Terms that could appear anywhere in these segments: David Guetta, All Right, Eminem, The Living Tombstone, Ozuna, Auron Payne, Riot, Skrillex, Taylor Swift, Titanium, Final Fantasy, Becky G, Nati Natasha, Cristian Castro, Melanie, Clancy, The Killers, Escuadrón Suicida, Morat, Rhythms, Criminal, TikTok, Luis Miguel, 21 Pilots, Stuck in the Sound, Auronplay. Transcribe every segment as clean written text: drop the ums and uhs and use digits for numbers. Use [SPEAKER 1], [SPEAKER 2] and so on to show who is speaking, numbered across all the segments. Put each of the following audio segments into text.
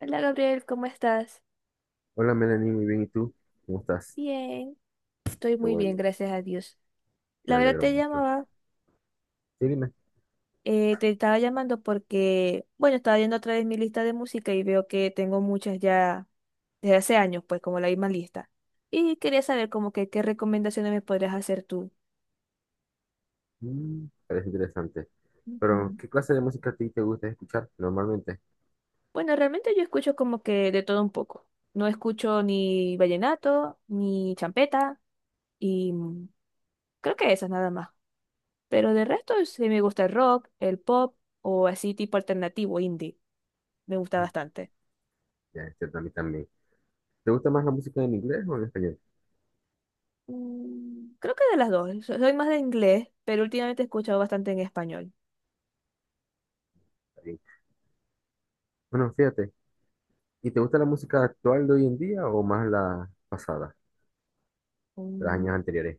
[SPEAKER 1] Hola Gabriel, ¿cómo estás?
[SPEAKER 2] Hola Melanie, muy bien. ¿Y tú? ¿Cómo estás?
[SPEAKER 1] Bien, estoy
[SPEAKER 2] Qué
[SPEAKER 1] muy bien,
[SPEAKER 2] bueno,
[SPEAKER 1] gracias a Dios. La
[SPEAKER 2] me
[SPEAKER 1] verdad
[SPEAKER 2] alegro
[SPEAKER 1] te
[SPEAKER 2] mucho.
[SPEAKER 1] llamaba,
[SPEAKER 2] Sí, dime.
[SPEAKER 1] te estaba llamando porque, bueno, estaba viendo otra vez mi lista de música y veo que tengo muchas ya desde hace años, pues como la misma lista. Y quería saber como que qué recomendaciones me podrías hacer tú.
[SPEAKER 2] Parece interesante. Pero,
[SPEAKER 1] Ujú.
[SPEAKER 2] ¿qué clase de música a ti te gusta escuchar normalmente?
[SPEAKER 1] Bueno, realmente yo escucho como que de todo un poco. No escucho ni vallenato, ni champeta, y creo que esas nada más. Pero de resto sí me gusta el rock, el pop o así tipo alternativo, indie. Me gusta
[SPEAKER 2] Mm,
[SPEAKER 1] bastante.
[SPEAKER 2] Ya, es cierto, a mí también. ¿Te gusta más la música en inglés o en español?
[SPEAKER 1] Creo que de las dos. Soy más de inglés, pero últimamente he escuchado bastante en español.
[SPEAKER 2] Está bien. Bueno, fíjate. ¿Y te gusta la música actual de hoy en día o más la pasada, de los
[SPEAKER 1] Mm.
[SPEAKER 2] años anteriores?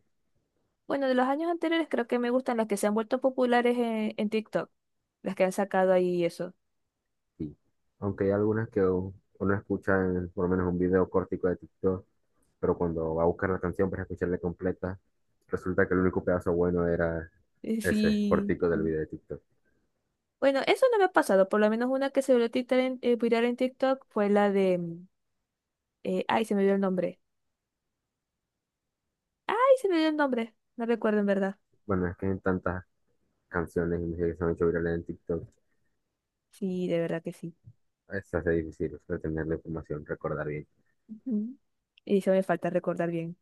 [SPEAKER 1] Bueno, de los años anteriores creo que me gustan las que se han vuelto populares en TikTok. Las que han sacado ahí eso.
[SPEAKER 2] Sí. Aunque hay algunas que uno escucha en por lo menos un video cortico de TikTok, pero cuando va a buscar la canción para escucharla completa, resulta que el único pedazo bueno era ese
[SPEAKER 1] Sí.
[SPEAKER 2] cortico del video de TikTok.
[SPEAKER 1] Bueno, eso no me ha pasado. Por lo menos una que se volvió viral en TikTok fue la de... ay, se me dio el nombre. Ay, se me dio el nombre. No recuerdo en verdad.
[SPEAKER 2] Bueno, es que hay tantas canciones y música que se han hecho virales en TikTok,
[SPEAKER 1] Sí, de verdad que sí.
[SPEAKER 2] se hace difícil retener la información, recordar bien.
[SPEAKER 1] Ujú. Y se me falta recordar bien.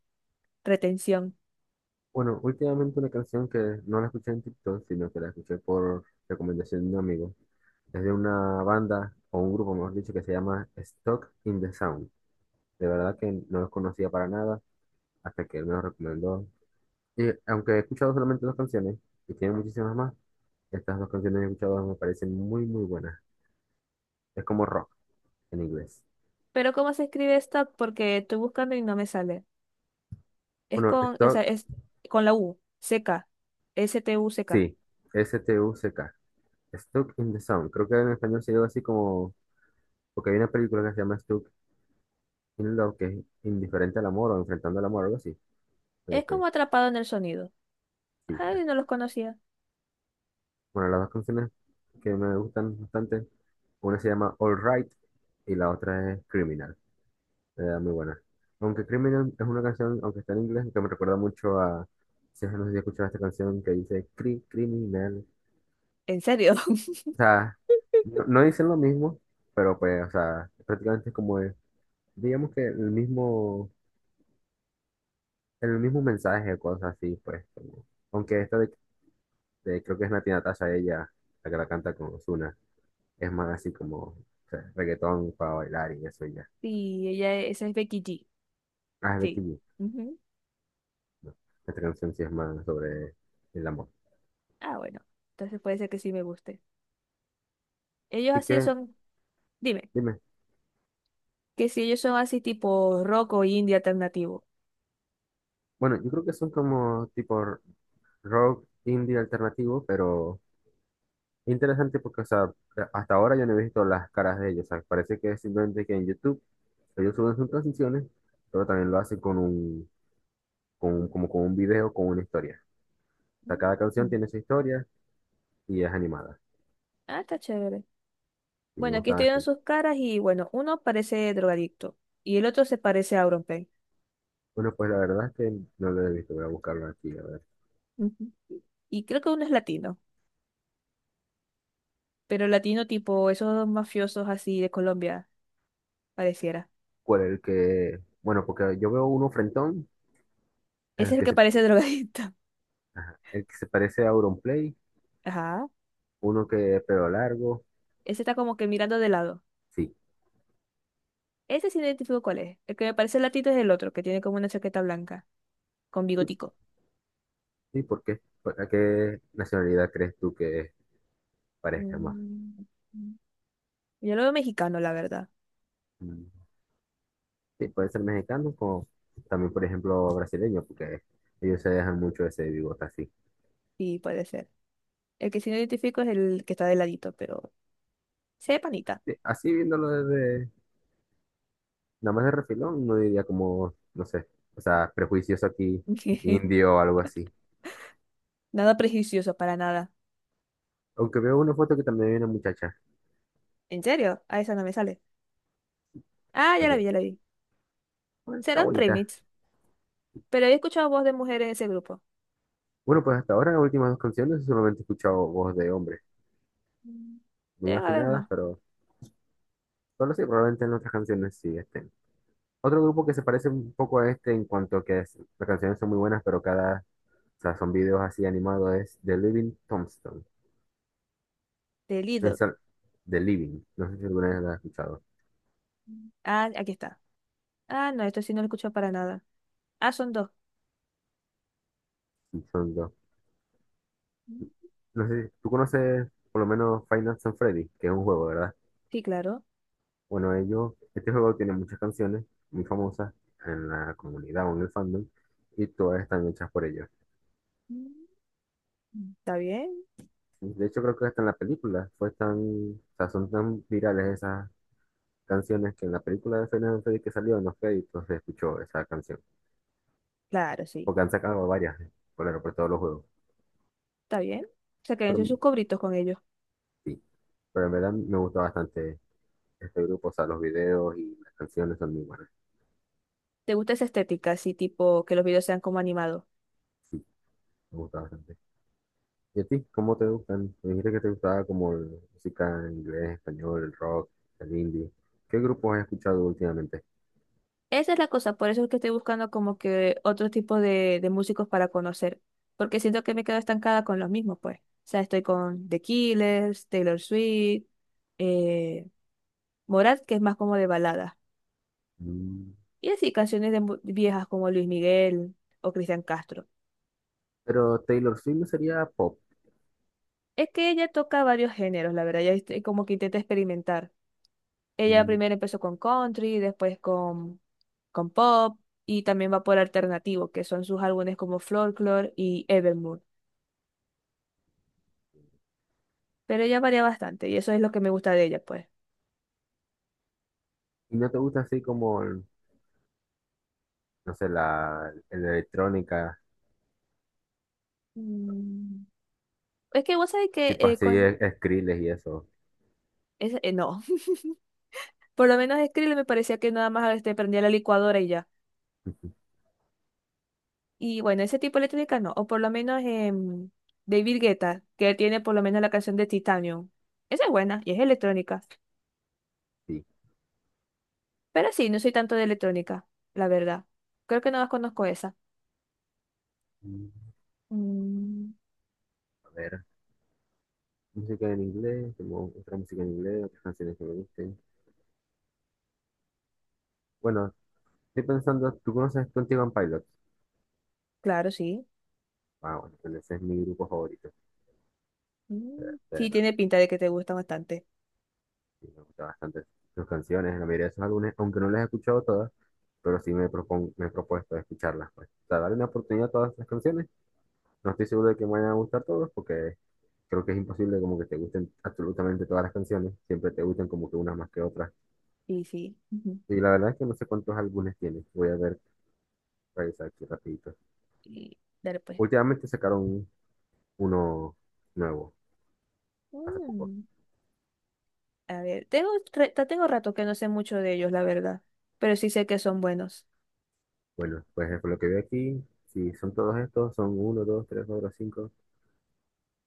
[SPEAKER 1] Retención.
[SPEAKER 2] Bueno, últimamente una canción que no la escuché en TikTok, sino que la escuché por recomendación de un amigo, es de una banda o un grupo, mejor dicho, que se llama Stock in the Sound. De verdad que no los conocía para nada hasta que él me los recomendó. Y aunque he escuchado solamente dos canciones, y tiene muchísimas más, estas dos canciones que he escuchado me parecen muy, muy buenas. Es como rock en inglés.
[SPEAKER 1] Pero ¿cómo se escribe esta? Porque estoy buscando y no me sale. Es
[SPEAKER 2] Bueno,
[SPEAKER 1] con, o sea,
[SPEAKER 2] Stuck,
[SPEAKER 1] es con la U, seca, Stuck.
[SPEAKER 2] sí, S-T-U-C-K. Stuck in the Sound. Creo que en español se llama así como, porque hay una película que se llama Stuck in Love, que es indiferente al amor o enfrentando al amor, algo así. Creo
[SPEAKER 1] Es
[SPEAKER 2] que
[SPEAKER 1] como atrapado en el sonido.
[SPEAKER 2] sí.
[SPEAKER 1] Ay, no los conocía.
[SPEAKER 2] Bueno, las dos canciones que me gustan bastante, una se llama All Right y la otra es Criminal. Muy buena. Aunque Criminal es una canción, aunque está en inglés, que me recuerda mucho a, si no sé si escuchado esta canción que dice criminal.
[SPEAKER 1] ¿En serio?
[SPEAKER 2] O sea, no, no dicen lo mismo, pero pues, o sea, prácticamente es como, digamos que el mismo mensaje, cosas así, pues. Aunque esta de, creo que es Nati Natasha, ella, la que la canta con Ozuna, es más así como, o sea, reggaetón para bailar y eso y ya.
[SPEAKER 1] Sí, ella, esa es Becky G.
[SPEAKER 2] Ah, es Becky
[SPEAKER 1] Sí.
[SPEAKER 2] G.
[SPEAKER 1] Ujú.
[SPEAKER 2] No, esta canción sí es más sobre el amor.
[SPEAKER 1] Ah, bueno. Entonces puede ser que sí me guste. Ellos
[SPEAKER 2] ¿Y
[SPEAKER 1] así
[SPEAKER 2] que?
[SPEAKER 1] son, dime,
[SPEAKER 2] Dime.
[SPEAKER 1] que si ellos son así tipo rock o indie alternativo.
[SPEAKER 2] Bueno, yo creo que son como tipo rock indie alternativo, pero interesante porque, o sea, hasta ahora yo no he visto las caras de ellos. O sea, parece que es simplemente que en YouTube ellos suben sus canciones, pero también lo hacen como con un video, con una historia. O sea, cada canción
[SPEAKER 1] Mm.
[SPEAKER 2] tiene su historia y es animada.
[SPEAKER 1] Ah, está chévere.
[SPEAKER 2] Y me
[SPEAKER 1] Bueno, aquí
[SPEAKER 2] gusta
[SPEAKER 1] estoy viendo
[SPEAKER 2] bastante.
[SPEAKER 1] sus caras y bueno, uno parece drogadicto y el otro se parece a Auron Payne.
[SPEAKER 2] Bueno, pues la verdad es que no lo he visto. Voy a buscarlo aquí, a ver.
[SPEAKER 1] Ujú. Y creo que uno es latino, pero latino tipo esos mafiosos así de Colombia, pareciera.
[SPEAKER 2] ¿Cuál es el que? Bueno, porque yo veo uno frentón,
[SPEAKER 1] Ese
[SPEAKER 2] el
[SPEAKER 1] es el
[SPEAKER 2] que
[SPEAKER 1] que
[SPEAKER 2] se,
[SPEAKER 1] parece drogadicto.
[SPEAKER 2] el que se parece a Auronplay,
[SPEAKER 1] Ajá.
[SPEAKER 2] uno que es pelo largo.
[SPEAKER 1] Ese está como que mirando de lado.
[SPEAKER 2] Sí.
[SPEAKER 1] Ese sí no identifico cuál es. El que me parece latino es el otro, que tiene como una chaqueta blanca, con bigotico.
[SPEAKER 2] ¿Y por qué? ¿A qué nacionalidad crees tú que parezca más?
[SPEAKER 1] Mm. Yo lo veo mexicano, la verdad.
[SPEAKER 2] Mm, Sí, puede ser mexicano como también, por ejemplo, brasileño, porque ellos se dejan mucho ese bigote así.
[SPEAKER 1] Sí, puede ser. El que sí no identifico es el que está de ladito, pero se ve panita.
[SPEAKER 2] Sí, así viéndolo desde, nada más de refilón, no diría como, no sé, o sea, prejuicioso aquí, indio o algo así.
[SPEAKER 1] Nada prejuicioso, para nada.
[SPEAKER 2] Aunque veo una foto que también hay una muchacha.
[SPEAKER 1] ¿En serio? A esa no me sale. Ah, ya la vi,
[SPEAKER 2] Como,
[SPEAKER 1] ya la vi.
[SPEAKER 2] "Bueno, está
[SPEAKER 1] Será un
[SPEAKER 2] bonita."
[SPEAKER 1] remix, pero he escuchado voz de mujer en ese grupo.
[SPEAKER 2] Bueno, pues hasta ahora, las últimas dos canciones, solamente he escuchado voz de hombre.
[SPEAKER 1] Mm.
[SPEAKER 2] Muy
[SPEAKER 1] Debe haber
[SPEAKER 2] afinadas,
[SPEAKER 1] más.
[SPEAKER 2] pero solo sí, probablemente en otras canciones sí estén. Otro grupo que se parece un poco a este en cuanto a que las canciones son muy buenas, pero cada, o sea, son videos así animados, es The Living Tombstone.
[SPEAKER 1] De Lido.
[SPEAKER 2] Es el- The Living, no sé si alguna vez la has escuchado.
[SPEAKER 1] Mm. Ah, aquí está. Ah, no, esto sí no lo he escuchado para nada. Ah, son dos.
[SPEAKER 2] Y son dos.
[SPEAKER 1] Mm.
[SPEAKER 2] No sé, tú conoces por lo menos Five Nights at Freddy, que es un juego, ¿verdad?
[SPEAKER 1] Sí, claro.
[SPEAKER 2] Bueno, ellos, este juego tiene muchas canciones muy famosas en la comunidad o en el fandom, y todas están hechas por ellos.
[SPEAKER 1] Mm. ¿Está bien?
[SPEAKER 2] De hecho, creo que hasta en la película fue tan, o sea, son tan virales esas canciones que en la película de Final Fantasy que salió en los créditos se escuchó esa canción.
[SPEAKER 1] Claro, sí.
[SPEAKER 2] Porque han sacado varias por todos los juegos.
[SPEAKER 1] ¿Está bien? O sea, que han
[SPEAKER 2] Pero
[SPEAKER 1] hecho sus cobritos con ellos.
[SPEAKER 2] sí, pero en verdad me gusta bastante este grupo, o sea, los videos y las canciones son muy buenas.
[SPEAKER 1] ¿Te gusta esa estética, así tipo que los videos sean como animados?
[SPEAKER 2] Sí, me gusta bastante. ¿Y a ti? ¿Cómo te gustan? Me dijiste que te gustaba como la música en inglés, español, el rock, el indie. ¿Qué grupos has escuchado últimamente?
[SPEAKER 1] Esa es la cosa, por eso es que estoy buscando como que otro tipo de músicos para conocer, porque siento que me quedo estancada con los mismos, pues. O sea, estoy con The Killers, Taylor Swift, eh, Morat, que es más como de balada,
[SPEAKER 2] Mm,
[SPEAKER 1] y así canciones de viejas como Luis Miguel o Cristian Castro.
[SPEAKER 2] Pero Taylor Swift no sería pop.
[SPEAKER 1] Es que ella toca varios géneros, la verdad, ella este, como que intenta experimentar. Ella
[SPEAKER 2] Mm,
[SPEAKER 1] primero empezó con country, con pop, y también va por alternativo, que son sus álbumes como Folklore y Evermore. Pero ella varía bastante y eso es lo que me gusta de ella, pues.
[SPEAKER 2] ¿Y no te gusta así como, no sé, la electrónica?
[SPEAKER 1] Mm. Es que vos sabés que
[SPEAKER 2] Tipo así,
[SPEAKER 1] con...
[SPEAKER 2] Skrillex y eso.
[SPEAKER 1] no, por lo menos Skrill me parecía que nada más este, prendía la licuadora y ya. Y bueno, ese tipo de electrónica no, o por lo menos David Guetta, que tiene por lo menos la canción de Titanium. Esa es buena y es electrónica.
[SPEAKER 2] Sí.
[SPEAKER 1] Pero sí, no soy tanto de electrónica, la verdad. Creo que no más conozco esa.
[SPEAKER 2] Mm,
[SPEAKER 1] Mm,
[SPEAKER 2] A ver, música en inglés, como otra música en inglés, otras canciones que me gusten. Bueno, estoy pensando, ¿tú conoces 21 Pilots?
[SPEAKER 1] claro, sí.
[SPEAKER 2] Ah, bueno, pues ese es mi grupo favorito. Eh,
[SPEAKER 1] Mm,
[SPEAKER 2] eh,
[SPEAKER 1] sí, tiene pinta de que te gusta bastante.
[SPEAKER 2] sí, me gustan bastante sus canciones, la mayoría de sus álbumes, aunque no las he escuchado todas, pero sí me he propuesto escucharlas. Pues. O sea, darle una oportunidad a todas las canciones. No estoy seguro de que me vayan a gustar todas, porque creo que es imposible como que te gusten absolutamente todas las canciones. Siempre te gustan como que unas más que otras.
[SPEAKER 1] Sí, sí. Ujú.
[SPEAKER 2] Sí, la verdad es que no sé cuántos álbumes tiene. Voy a ver, revisar aquí rapidito.
[SPEAKER 1] Y dale pues.
[SPEAKER 2] Últimamente sacaron uno nuevo, hace poco.
[SPEAKER 1] Mm. A ver, tengo, tengo rato que no sé mucho de ellos, la verdad, pero sí sé que son buenos.
[SPEAKER 2] Bueno, pues por lo que veo aquí, si son todos estos, son uno, dos, tres, cuatro, cinco,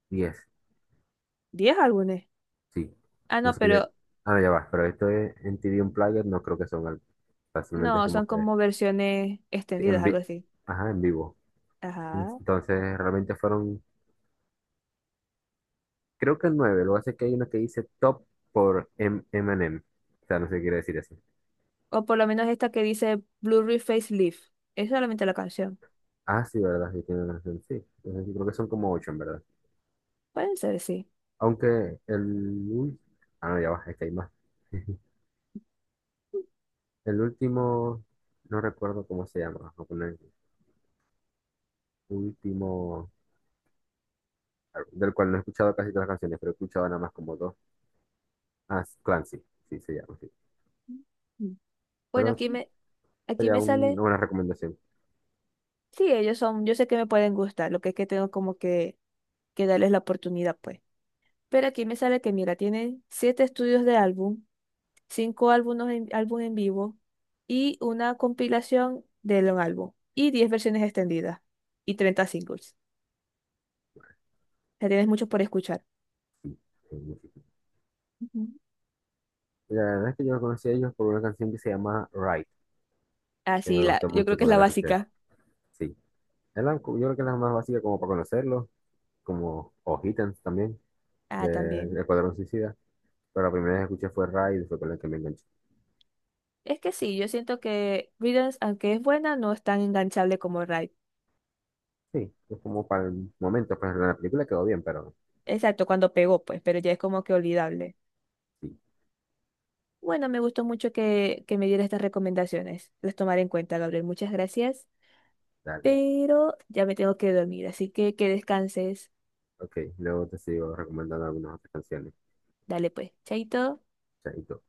[SPEAKER 2] diez.
[SPEAKER 1] ¿Diez álbumes?
[SPEAKER 2] Sí,
[SPEAKER 1] Ah,
[SPEAKER 2] no
[SPEAKER 1] no,
[SPEAKER 2] sé.
[SPEAKER 1] pero
[SPEAKER 2] Ah, no, ya va, pero esto es en TV un player, no creo que son álbumes. Fácilmente es
[SPEAKER 1] no, son
[SPEAKER 2] como que
[SPEAKER 1] como versiones
[SPEAKER 2] en,
[SPEAKER 1] extendidas, algo
[SPEAKER 2] vi-
[SPEAKER 1] así.
[SPEAKER 2] Ajá, en vivo.
[SPEAKER 1] Ajá.
[SPEAKER 2] Entonces realmente fueron, creo que nueve. Lo que hace es que hay uno que dice top por Eminem. O sea, no sé qué quiere decir eso.
[SPEAKER 1] O por lo menos esta que dice Blu-ray Facelift. Es solamente la canción.
[SPEAKER 2] Ah, sí, ¿verdad? Sí, tiene una canción, sí. Entonces, yo creo que son como ocho, en verdad.
[SPEAKER 1] Pueden ser, sí.
[SPEAKER 2] Aunque ul- Ah, no, ya va, es que hay más. El último, no recuerdo cómo se llama. Vamos a poner último, claro, del cual no he escuchado casi todas las canciones, pero he escuchado nada más como dos. Ah, es Clancy, sí, sí, se llama, sí.
[SPEAKER 1] Bueno,
[SPEAKER 2] Pero sí,
[SPEAKER 1] aquí
[SPEAKER 2] sería
[SPEAKER 1] me sale.
[SPEAKER 2] una buena recomendación.
[SPEAKER 1] Sí, ellos son, yo sé que me pueden gustar, lo que es que tengo como que darles la oportunidad, pues. Pero aquí me sale que, mira, tienen 7 estudios de álbum, 5 álbumes álbum en vivo y una compilación de un álbum y diez versiones extendidas y 30 singles. O sea, tienes mucho por escuchar.
[SPEAKER 2] Sí, sí, sí, sí.
[SPEAKER 1] Ujú.
[SPEAKER 2] La verdad es que yo conocí a ellos por una canción que se llama Right, que
[SPEAKER 1] Así,
[SPEAKER 2] me
[SPEAKER 1] la,
[SPEAKER 2] gustó
[SPEAKER 1] yo creo
[SPEAKER 2] mucho
[SPEAKER 1] que es
[SPEAKER 2] cuando
[SPEAKER 1] la
[SPEAKER 2] la escuché.
[SPEAKER 1] básica.
[SPEAKER 2] Sí, yo creo que es la más básica como para conocerlos, como o Hittens también,
[SPEAKER 1] Ah,
[SPEAKER 2] de
[SPEAKER 1] también.
[SPEAKER 2] Escuadrón Suicida, pero la primera vez que escuché fue Ray y fue con la que me enganché.
[SPEAKER 1] Es que sí, yo siento que Rhythms, aunque es buena, no es tan enganchable como Riot.
[SPEAKER 2] Sí, es como para el momento, pues la película quedó bien, pero
[SPEAKER 1] Exacto, cuando pegó, pues, pero ya es como que olvidable.
[SPEAKER 2] sí,
[SPEAKER 1] Bueno, me gustó mucho que me diera estas recomendaciones. Las tomaré en cuenta, Gabriel. Muchas gracias.
[SPEAKER 2] dale.
[SPEAKER 1] Pero ya me tengo que dormir, así que descanses.
[SPEAKER 2] Ok, luego te sigo recomendando algunas otras canciones.
[SPEAKER 1] Dale pues, chaito.
[SPEAKER 2] Chaito.